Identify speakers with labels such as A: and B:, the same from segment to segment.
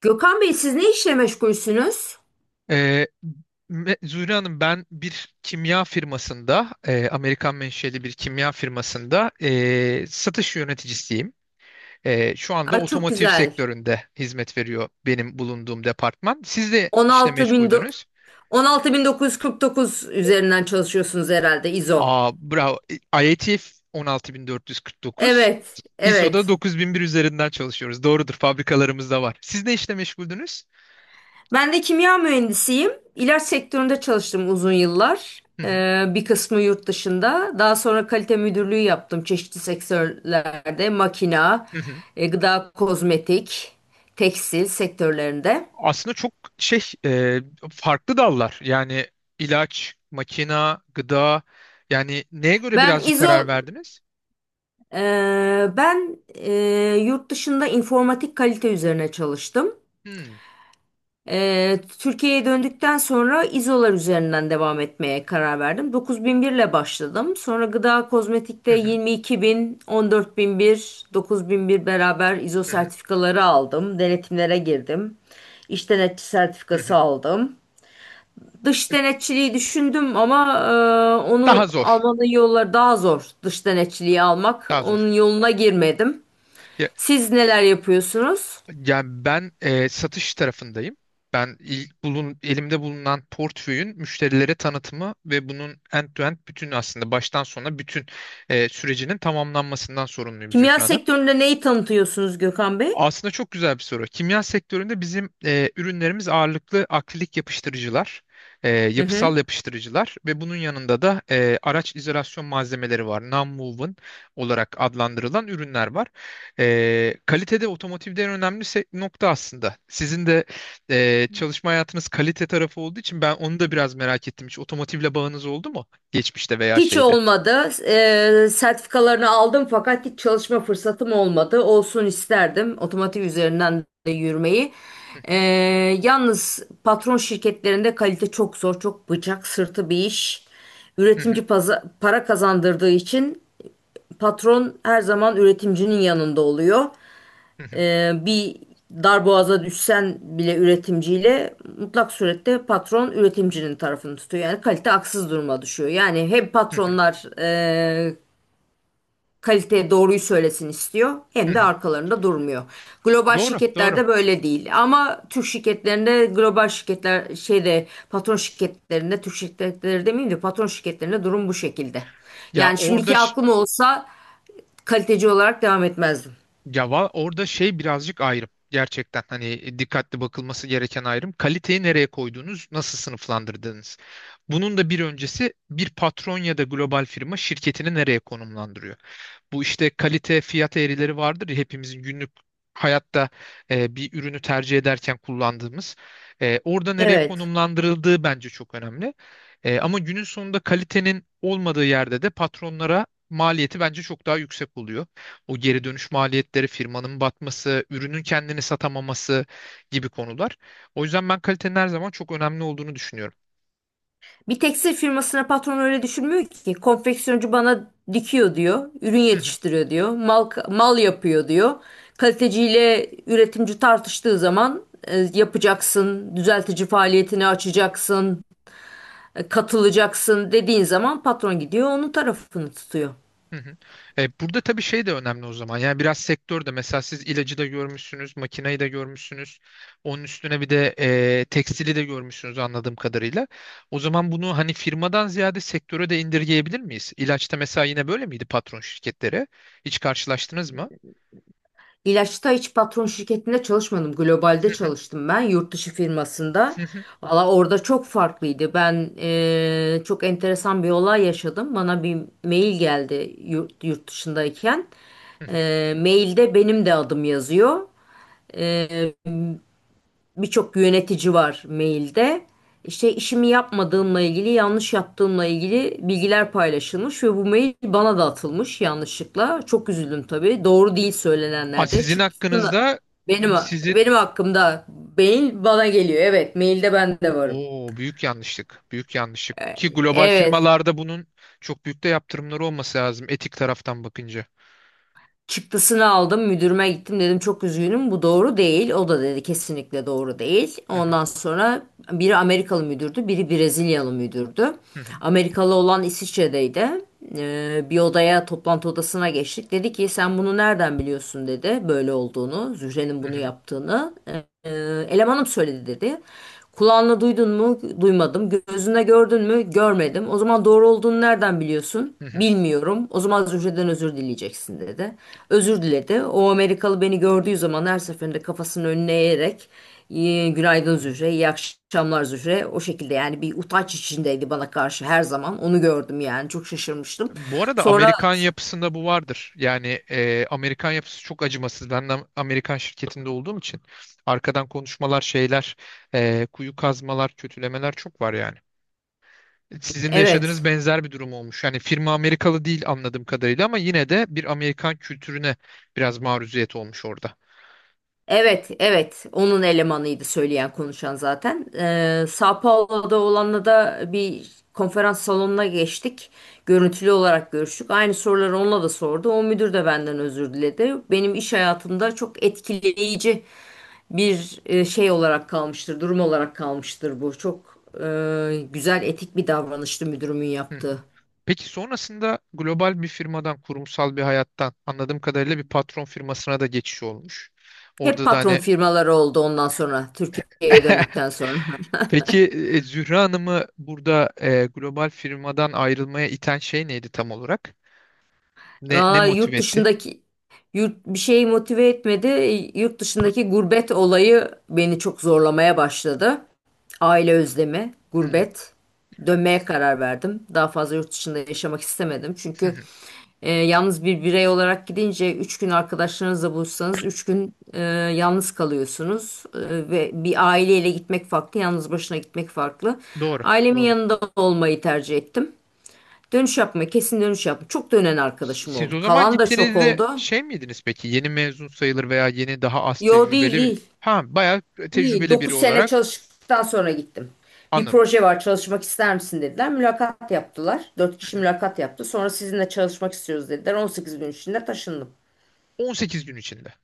A: Gökhan Bey siz ne işle meşgulsünüz?
B: Ee, Zühre Hanım, ben bir kimya firmasında Amerikan menşeli bir kimya firmasında satış yöneticisiyim. Şu anda
A: Aa, çok
B: otomotiv
A: güzel.
B: sektöründe hizmet veriyor benim bulunduğum departman. Siz de işte
A: 16 bin do-
B: meşguldünüz.
A: 16.949 üzerinden çalışıyorsunuz herhalde İZO.
B: Aa, bravo. IATF 16449.
A: Evet,
B: ISO'da
A: evet.
B: 9001 üzerinden çalışıyoruz. Doğrudur, fabrikalarımız da var. Siz ne işle meşguldünüz?
A: Ben de kimya mühendisiyim. İlaç sektöründe çalıştım uzun yıllar.
B: Hı hı.
A: Bir kısmı yurt dışında. Daha sonra kalite müdürlüğü yaptım çeşitli sektörlerde. Makina, gıda, kozmetik, tekstil sektörlerinde.
B: Aslında çok şey, farklı dallar, yani ilaç, makina, gıda, yani neye göre
A: Ben
B: birazcık karar
A: İZO
B: verdiniz?
A: Ben e, Yurt dışında informatik kalite üzerine çalıştım.
B: Hmm.
A: Türkiye'ye döndükten sonra İzolar üzerinden devam etmeye karar verdim. 9001 ile başladım. Sonra gıda kozmetikte
B: Hı hı,
A: 22.000, 14.001, 19001 beraber İzo
B: hı hı,
A: sertifikaları aldım. Denetimlere girdim. İş denetçi
B: hı
A: sertifikası
B: hı.
A: aldım. Dış denetçiliği düşündüm ama
B: Daha
A: onu
B: zor.
A: almanın yolları daha zor. Dış denetçiliği almak.
B: Daha zor.
A: Onun yoluna girmedim.
B: Ya,
A: Siz neler yapıyorsunuz?
B: yani ben satış tarafındayım. Ben ilk bulun, elimde bulunan portföyün müşterilere tanıtımı ve bunun end-to-end, bütün, aslında baştan sona bütün sürecinin tamamlanmasından sorumluyum,
A: Kimya
B: Zühra.
A: sektöründe neyi tanıtıyorsunuz Gökhan Bey?
B: Aslında çok güzel bir soru. Kimya sektöründe bizim ürünlerimiz ağırlıklı akrilik yapıştırıcılar,
A: Hı
B: yapısal
A: hı.
B: yapıştırıcılar ve bunun yanında da araç izolasyon malzemeleri var. Non-woven olarak adlandırılan ürünler var. Kalitede otomotivde en önemli nokta aslında. Sizin de çalışma hayatınız kalite tarafı olduğu için ben onu da biraz merak ettim. Hiç otomotivle bağınız oldu mu? Geçmişte veya
A: Hiç
B: şeyde.
A: olmadı. Sertifikalarını aldım fakat hiç çalışma fırsatım olmadı. Olsun isterdim otomotiv üzerinden de yürümeyi. Ee, Yalnız patron şirketlerinde kalite çok zor, çok bıçak sırtı bir iş. Para kazandırdığı için patron her zaman üretimcinin yanında oluyor. Bir darboğaza düşsen bile üretimciyle mutlak surette patron üretimcinin tarafını tutuyor. Yani kalite haksız duruma düşüyor. Yani hem patronlar kalite doğruyu söylesin istiyor hem de arkalarında durmuyor. Global
B: Doğru, doğru.
A: şirketlerde böyle değil. Ama Türk şirketlerinde global şirketler şeyde patron şirketlerinde Türk şirketleri demeyeyim de patron şirketlerinde durum bu şekilde.
B: Ya
A: Yani
B: orada
A: şimdiki aklım olsa kaliteci olarak devam etmezdim.
B: Orada şey, birazcık ayrım. Gerçekten hani, dikkatli bakılması gereken ayrım. Kaliteyi nereye koyduğunuz, nasıl sınıflandırdığınız. Bunun da bir öncesi, bir patron ya da global firma şirketini nereye konumlandırıyor? Bu işte kalite fiyat eğrileri vardır ya, hepimizin günlük hayatta bir ürünü tercih ederken kullandığımız. Orada nereye
A: Evet.
B: konumlandırıldığı bence çok önemli. Ama günün sonunda kalitenin olmadığı yerde de patronlara maliyeti bence çok daha yüksek oluyor. O geri dönüş maliyetleri, firmanın batması, ürünün kendini satamaması gibi konular. O yüzden ben kalitenin her zaman çok önemli olduğunu düşünüyorum.
A: Bir tekstil firmasına patron öyle düşünmüyor ki. Konfeksiyoncu bana dikiyor diyor. Ürün yetiştiriyor diyor. Mal, mal yapıyor diyor. Kaliteciyle üretimci tartıştığı zaman yapacaksın, düzeltici faaliyetini açacaksın, katılacaksın dediğin zaman patron gidiyor onun tarafını tutuyor.
B: Hı hı. Burada tabii şey de önemli o zaman. Yani biraz sektör de, mesela siz ilacı da görmüşsünüz, makineyi de görmüşsünüz. Onun üstüne bir de tekstili de görmüşsünüz, anladığım kadarıyla. O zaman bunu, hani, firmadan ziyade sektöre de indirgeyebilir miyiz? İlaçta mesela yine böyle miydi patron şirketleri? Hiç karşılaştınız mı?
A: İlaçta hiç patron şirketinde çalışmadım.
B: Hı
A: Globalde
B: hı,
A: çalıştım ben yurt dışı firmasında.
B: hı hı,
A: Valla orada çok farklıydı. Ben çok enteresan bir olay yaşadım. Bana bir mail geldi yurt dışındayken.
B: hı hı.
A: Mailde benim de adım yazıyor birçok yönetici var mailde. İşte işimi yapmadığımla ilgili, yanlış yaptığımla ilgili bilgiler paylaşılmış ve bu mail bana da atılmış yanlışlıkla. Çok üzüldüm tabii. Doğru değil
B: Aa,
A: söylenenler de.
B: sizin
A: Çıktısını
B: hakkınızda.
A: benim
B: Sizin
A: benim hakkımda mail bana geliyor. Evet, mailde ben de varım.
B: o büyük yanlışlık, büyük yanlışlık ki global
A: Evet.
B: firmalarda bunun çok büyük de yaptırımları olması lazım, etik taraftan bakınca.
A: Çıktısını aldım müdürüme gittim dedim çok üzgünüm bu doğru değil. O da dedi kesinlikle doğru değil.
B: Hı hı,
A: Ondan sonra biri Amerikalı müdürdü biri Brezilyalı müdürdü.
B: hı hı.
A: Amerikalı olan İsviçre'deydi. Bir odaya toplantı odasına geçtik. Dedi ki sen bunu nereden biliyorsun dedi böyle olduğunu Zühre'nin
B: Hı
A: bunu
B: hı,
A: yaptığını. Ee, Elemanım söyledi dedi. Kulağınla duydun mu? Duymadım. Gözüne gördün mü? Görmedim. O zaman doğru olduğunu nereden biliyorsun?
B: hı hı,
A: Bilmiyorum. O zaman Zühre'den özür dileyeceksin dedi. Özür diledi. O Amerikalı beni gördüğü zaman her seferinde kafasını önüne eğerek "İyi- günaydın
B: hı hı.
A: Zühre, iyi akşamlar Zühre." O şekilde yani bir utanç içindeydi bana karşı her zaman. Onu gördüm yani çok şaşırmıştım.
B: Bu arada
A: Sonra
B: Amerikan yapısında bu vardır. Yani Amerikan yapısı çok acımasız. Ben de Amerikan şirketinde olduğum için arkadan konuşmalar, şeyler, kuyu kazmalar, kötülemeler çok var yani. Sizin de yaşadığınız
A: evet
B: benzer bir durum olmuş. Yani firma Amerikalı değil anladığım kadarıyla ama yine de bir Amerikan kültürüne biraz maruziyet olmuş orada.
A: Evet, evet. Onun elemanıydı söyleyen konuşan zaten. Sao Paulo'da olanla da bir konferans salonuna geçtik. Görüntülü olarak görüştük. Aynı soruları onunla da sordu. O müdür de benden özür diledi. Benim iş hayatımda çok etkileyici bir şey olarak kalmıştır, durum olarak kalmıştır bu. Çok güzel etik bir davranıştı müdürümün
B: Hı hı.
A: yaptığı.
B: Peki sonrasında global bir firmadan, kurumsal bir hayattan anladığım kadarıyla bir patron firmasına da geçiş olmuş.
A: Hep
B: Orada da
A: patron
B: hani...
A: firmaları oldu ondan sonra Türkiye'ye döndükten sonra.
B: Peki, Zühre Hanım'ı burada global firmadan ayrılmaya iten şey neydi tam olarak? Ne
A: Aa, yurt
B: motive etti?
A: dışındaki yurt bir şey motive etmedi. Yurt dışındaki gurbet olayı beni çok zorlamaya başladı. Aile özlemi,
B: Hmm,
A: gurbet. Dönmeye karar verdim. Daha fazla yurt dışında yaşamak istemedim.
B: hı
A: Çünkü
B: hı.
A: yalnız bir birey olarak gidince 3 gün arkadaşlarınızla buluşsanız 3 gün yalnız kalıyorsunuz. Ve bir aileyle gitmek farklı, yalnız başına gitmek farklı.
B: Doğru,
A: Ailemin
B: doğru.
A: yanında olmayı tercih ettim. Dönüş yapma, kesin dönüş yapma. Çok dönen arkadaşım
B: Siz
A: oldu.
B: o zaman
A: Kalan da çok
B: gittiğinizde
A: oldu.
B: şey miydiniz peki? Yeni mezun sayılır veya yeni, daha az
A: Yo değil
B: tecrübeli bir...
A: değil.
B: Ha, bayağı
A: İyi.
B: tecrübeli biri
A: 9 sene
B: olarak,
A: çalıştıktan sonra gittim. Bir
B: anladım.
A: proje var çalışmak ister misin dediler. Mülakat yaptılar. 4 kişi mülakat yaptı. Sonra sizinle çalışmak istiyoruz dediler. 18 gün içinde taşındım.
B: 18 gün içinde.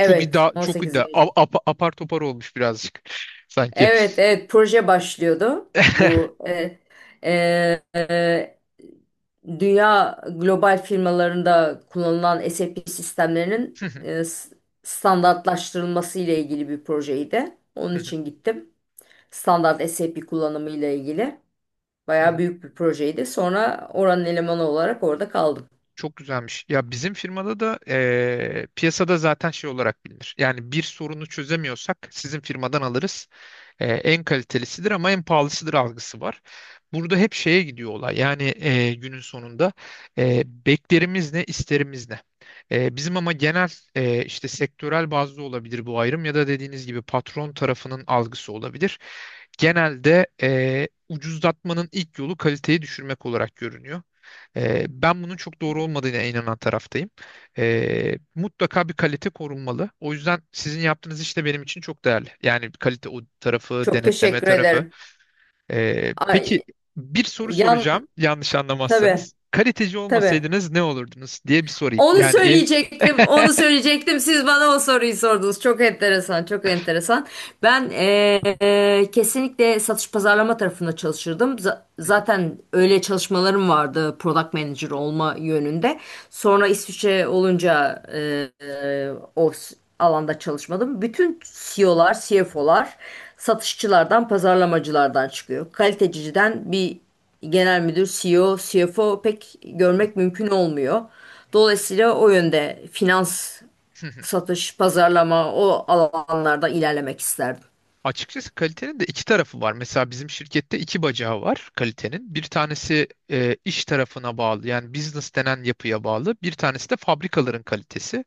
B: Çok iddia,
A: on
B: çok
A: sekiz
B: iddia.
A: gün içinde.
B: Apar topar olmuş birazcık, sanki.
A: Evet evet proje başlıyordu. Bu e, e, dünya global firmalarında kullanılan SAP sistemlerinin standartlaştırılması ile ilgili bir projeydi. Onun için gittim. Standart SAP kullanımı ile ilgili. Bayağı büyük bir projeydi. Sonra oranın elemanı olarak orada kaldım.
B: Çok güzelmiş. Ya bizim firmada da piyasada zaten şey olarak bilinir. Yani bir sorunu çözemiyorsak sizin firmadan alırız. En kalitelisidir ama en pahalısıdır algısı var. Burada hep şeye gidiyor olay. Yani günün sonunda beklerimiz ne, isterimiz ne? Bizim ama genel işte sektörel bazlı olabilir bu ayrım, ya da dediğiniz gibi patron tarafının algısı olabilir, genelde ucuzlatmanın ilk yolu kaliteyi düşürmek olarak görünüyor. Ben bunun çok doğru olmadığına inanan taraftayım. Mutlaka bir kalite korunmalı. O yüzden sizin yaptığınız iş de benim için çok değerli. Yani bir kalite, o tarafı,
A: Çok
B: denetleme
A: teşekkür
B: tarafı.
A: ederim.
B: Peki,
A: Ay,
B: bir soru
A: yan
B: soracağım, yanlış
A: tabii
B: anlamazsanız. Kaliteci
A: tabii.
B: olmasaydınız ne olurdunuz, diye bir sorayım.
A: Onu
B: Yani,
A: söyleyecektim, onu söyleyecektim. Siz bana o soruyu sordunuz. Çok enteresan, çok enteresan. Ben kesinlikle satış pazarlama tarafında çalışırdım. Zaten öyle çalışmalarım vardı product manager olma yönünde. Sonra İsviçre olunca o alanda çalışmadım. Bütün CEO'lar, CFO'lar satışçılardan, pazarlamacılardan çıkıyor. Kaliteciden bir genel müdür, CEO, CFO pek görmek mümkün olmuyor. Dolayısıyla o yönde finans,
B: Hı hı.
A: satış, pazarlama o alanlarda ilerlemek isterdim.
B: Açıkçası kalitenin de iki tarafı var. Mesela bizim şirkette iki bacağı var kalitenin. Bir tanesi iş tarafına bağlı, yani business denen yapıya bağlı. Bir tanesi de fabrikaların kalitesi.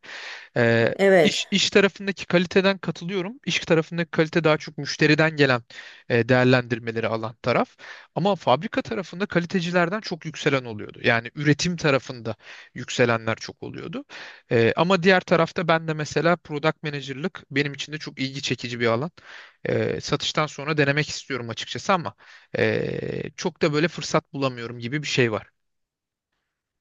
B: Ee,
A: Evet.
B: iş, iş tarafındaki kaliteden katılıyorum. İş tarafındaki kalite daha çok müşteriden gelen değerlendirmeleri alan taraf. Ama fabrika tarafında kalitecilerden çok yükselen oluyordu. Yani üretim tarafında yükselenler çok oluyordu. Ama diğer tarafta ben de mesela product manager'lık benim için de çok ilgi çekici bir alan. Satıştan sonra denemek istiyorum açıkçası ama çok da böyle fırsat bulamıyorum gibi bir şey var.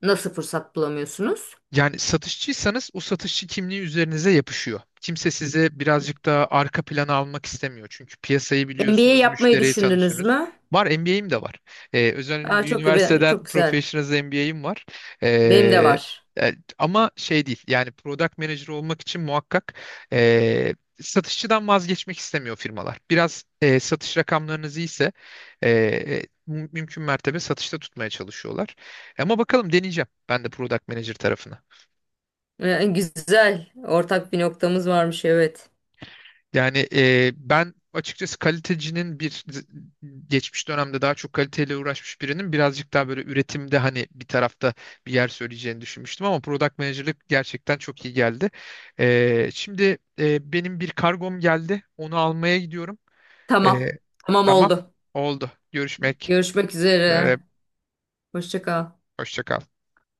A: Nasıl fırsat bulamıyorsunuz?
B: Yani satışçıysanız o satışçı kimliği üzerinize yapışıyor. Kimse size birazcık daha arka plana almak istemiyor. Çünkü piyasayı
A: MBA
B: biliyorsunuz,
A: yapmayı
B: müşteriyi
A: düşündünüz
B: tanıyorsunuz.
A: mü?
B: Var, MBA'im de var. Özel
A: Aa,
B: bir
A: çok çok
B: üniversiteden
A: güzel.
B: Professionals MBA'im var.
A: Benim de
B: Ee,
A: var.
B: Ama şey değil, yani product manager olmak için muhakkak e, satışçıdan vazgeçmek istemiyor firmalar. Biraz satış rakamlarınız iyiyse mümkün mertebe satışta tutmaya çalışıyorlar. Ama bakalım, deneyeceğim ben de product manager tarafına.
A: Güzel. Ortak bir noktamız varmış evet.
B: Yani ben açıkçası kalitecinin bir, geçmiş dönemde daha çok kaliteyle uğraşmış birinin, birazcık daha böyle üretimde hani bir tarafta bir yer söyleyeceğini düşünmüştüm ama product manager'lık gerçekten çok iyi geldi. Şimdi benim bir kargom geldi. Onu almaya gidiyorum. E,
A: Tamam. Tamam
B: tamam.
A: oldu.
B: Oldu. Görüşmek.
A: Görüşmek
B: E,
A: üzere. Hoşça kal.
B: Hoşça kal.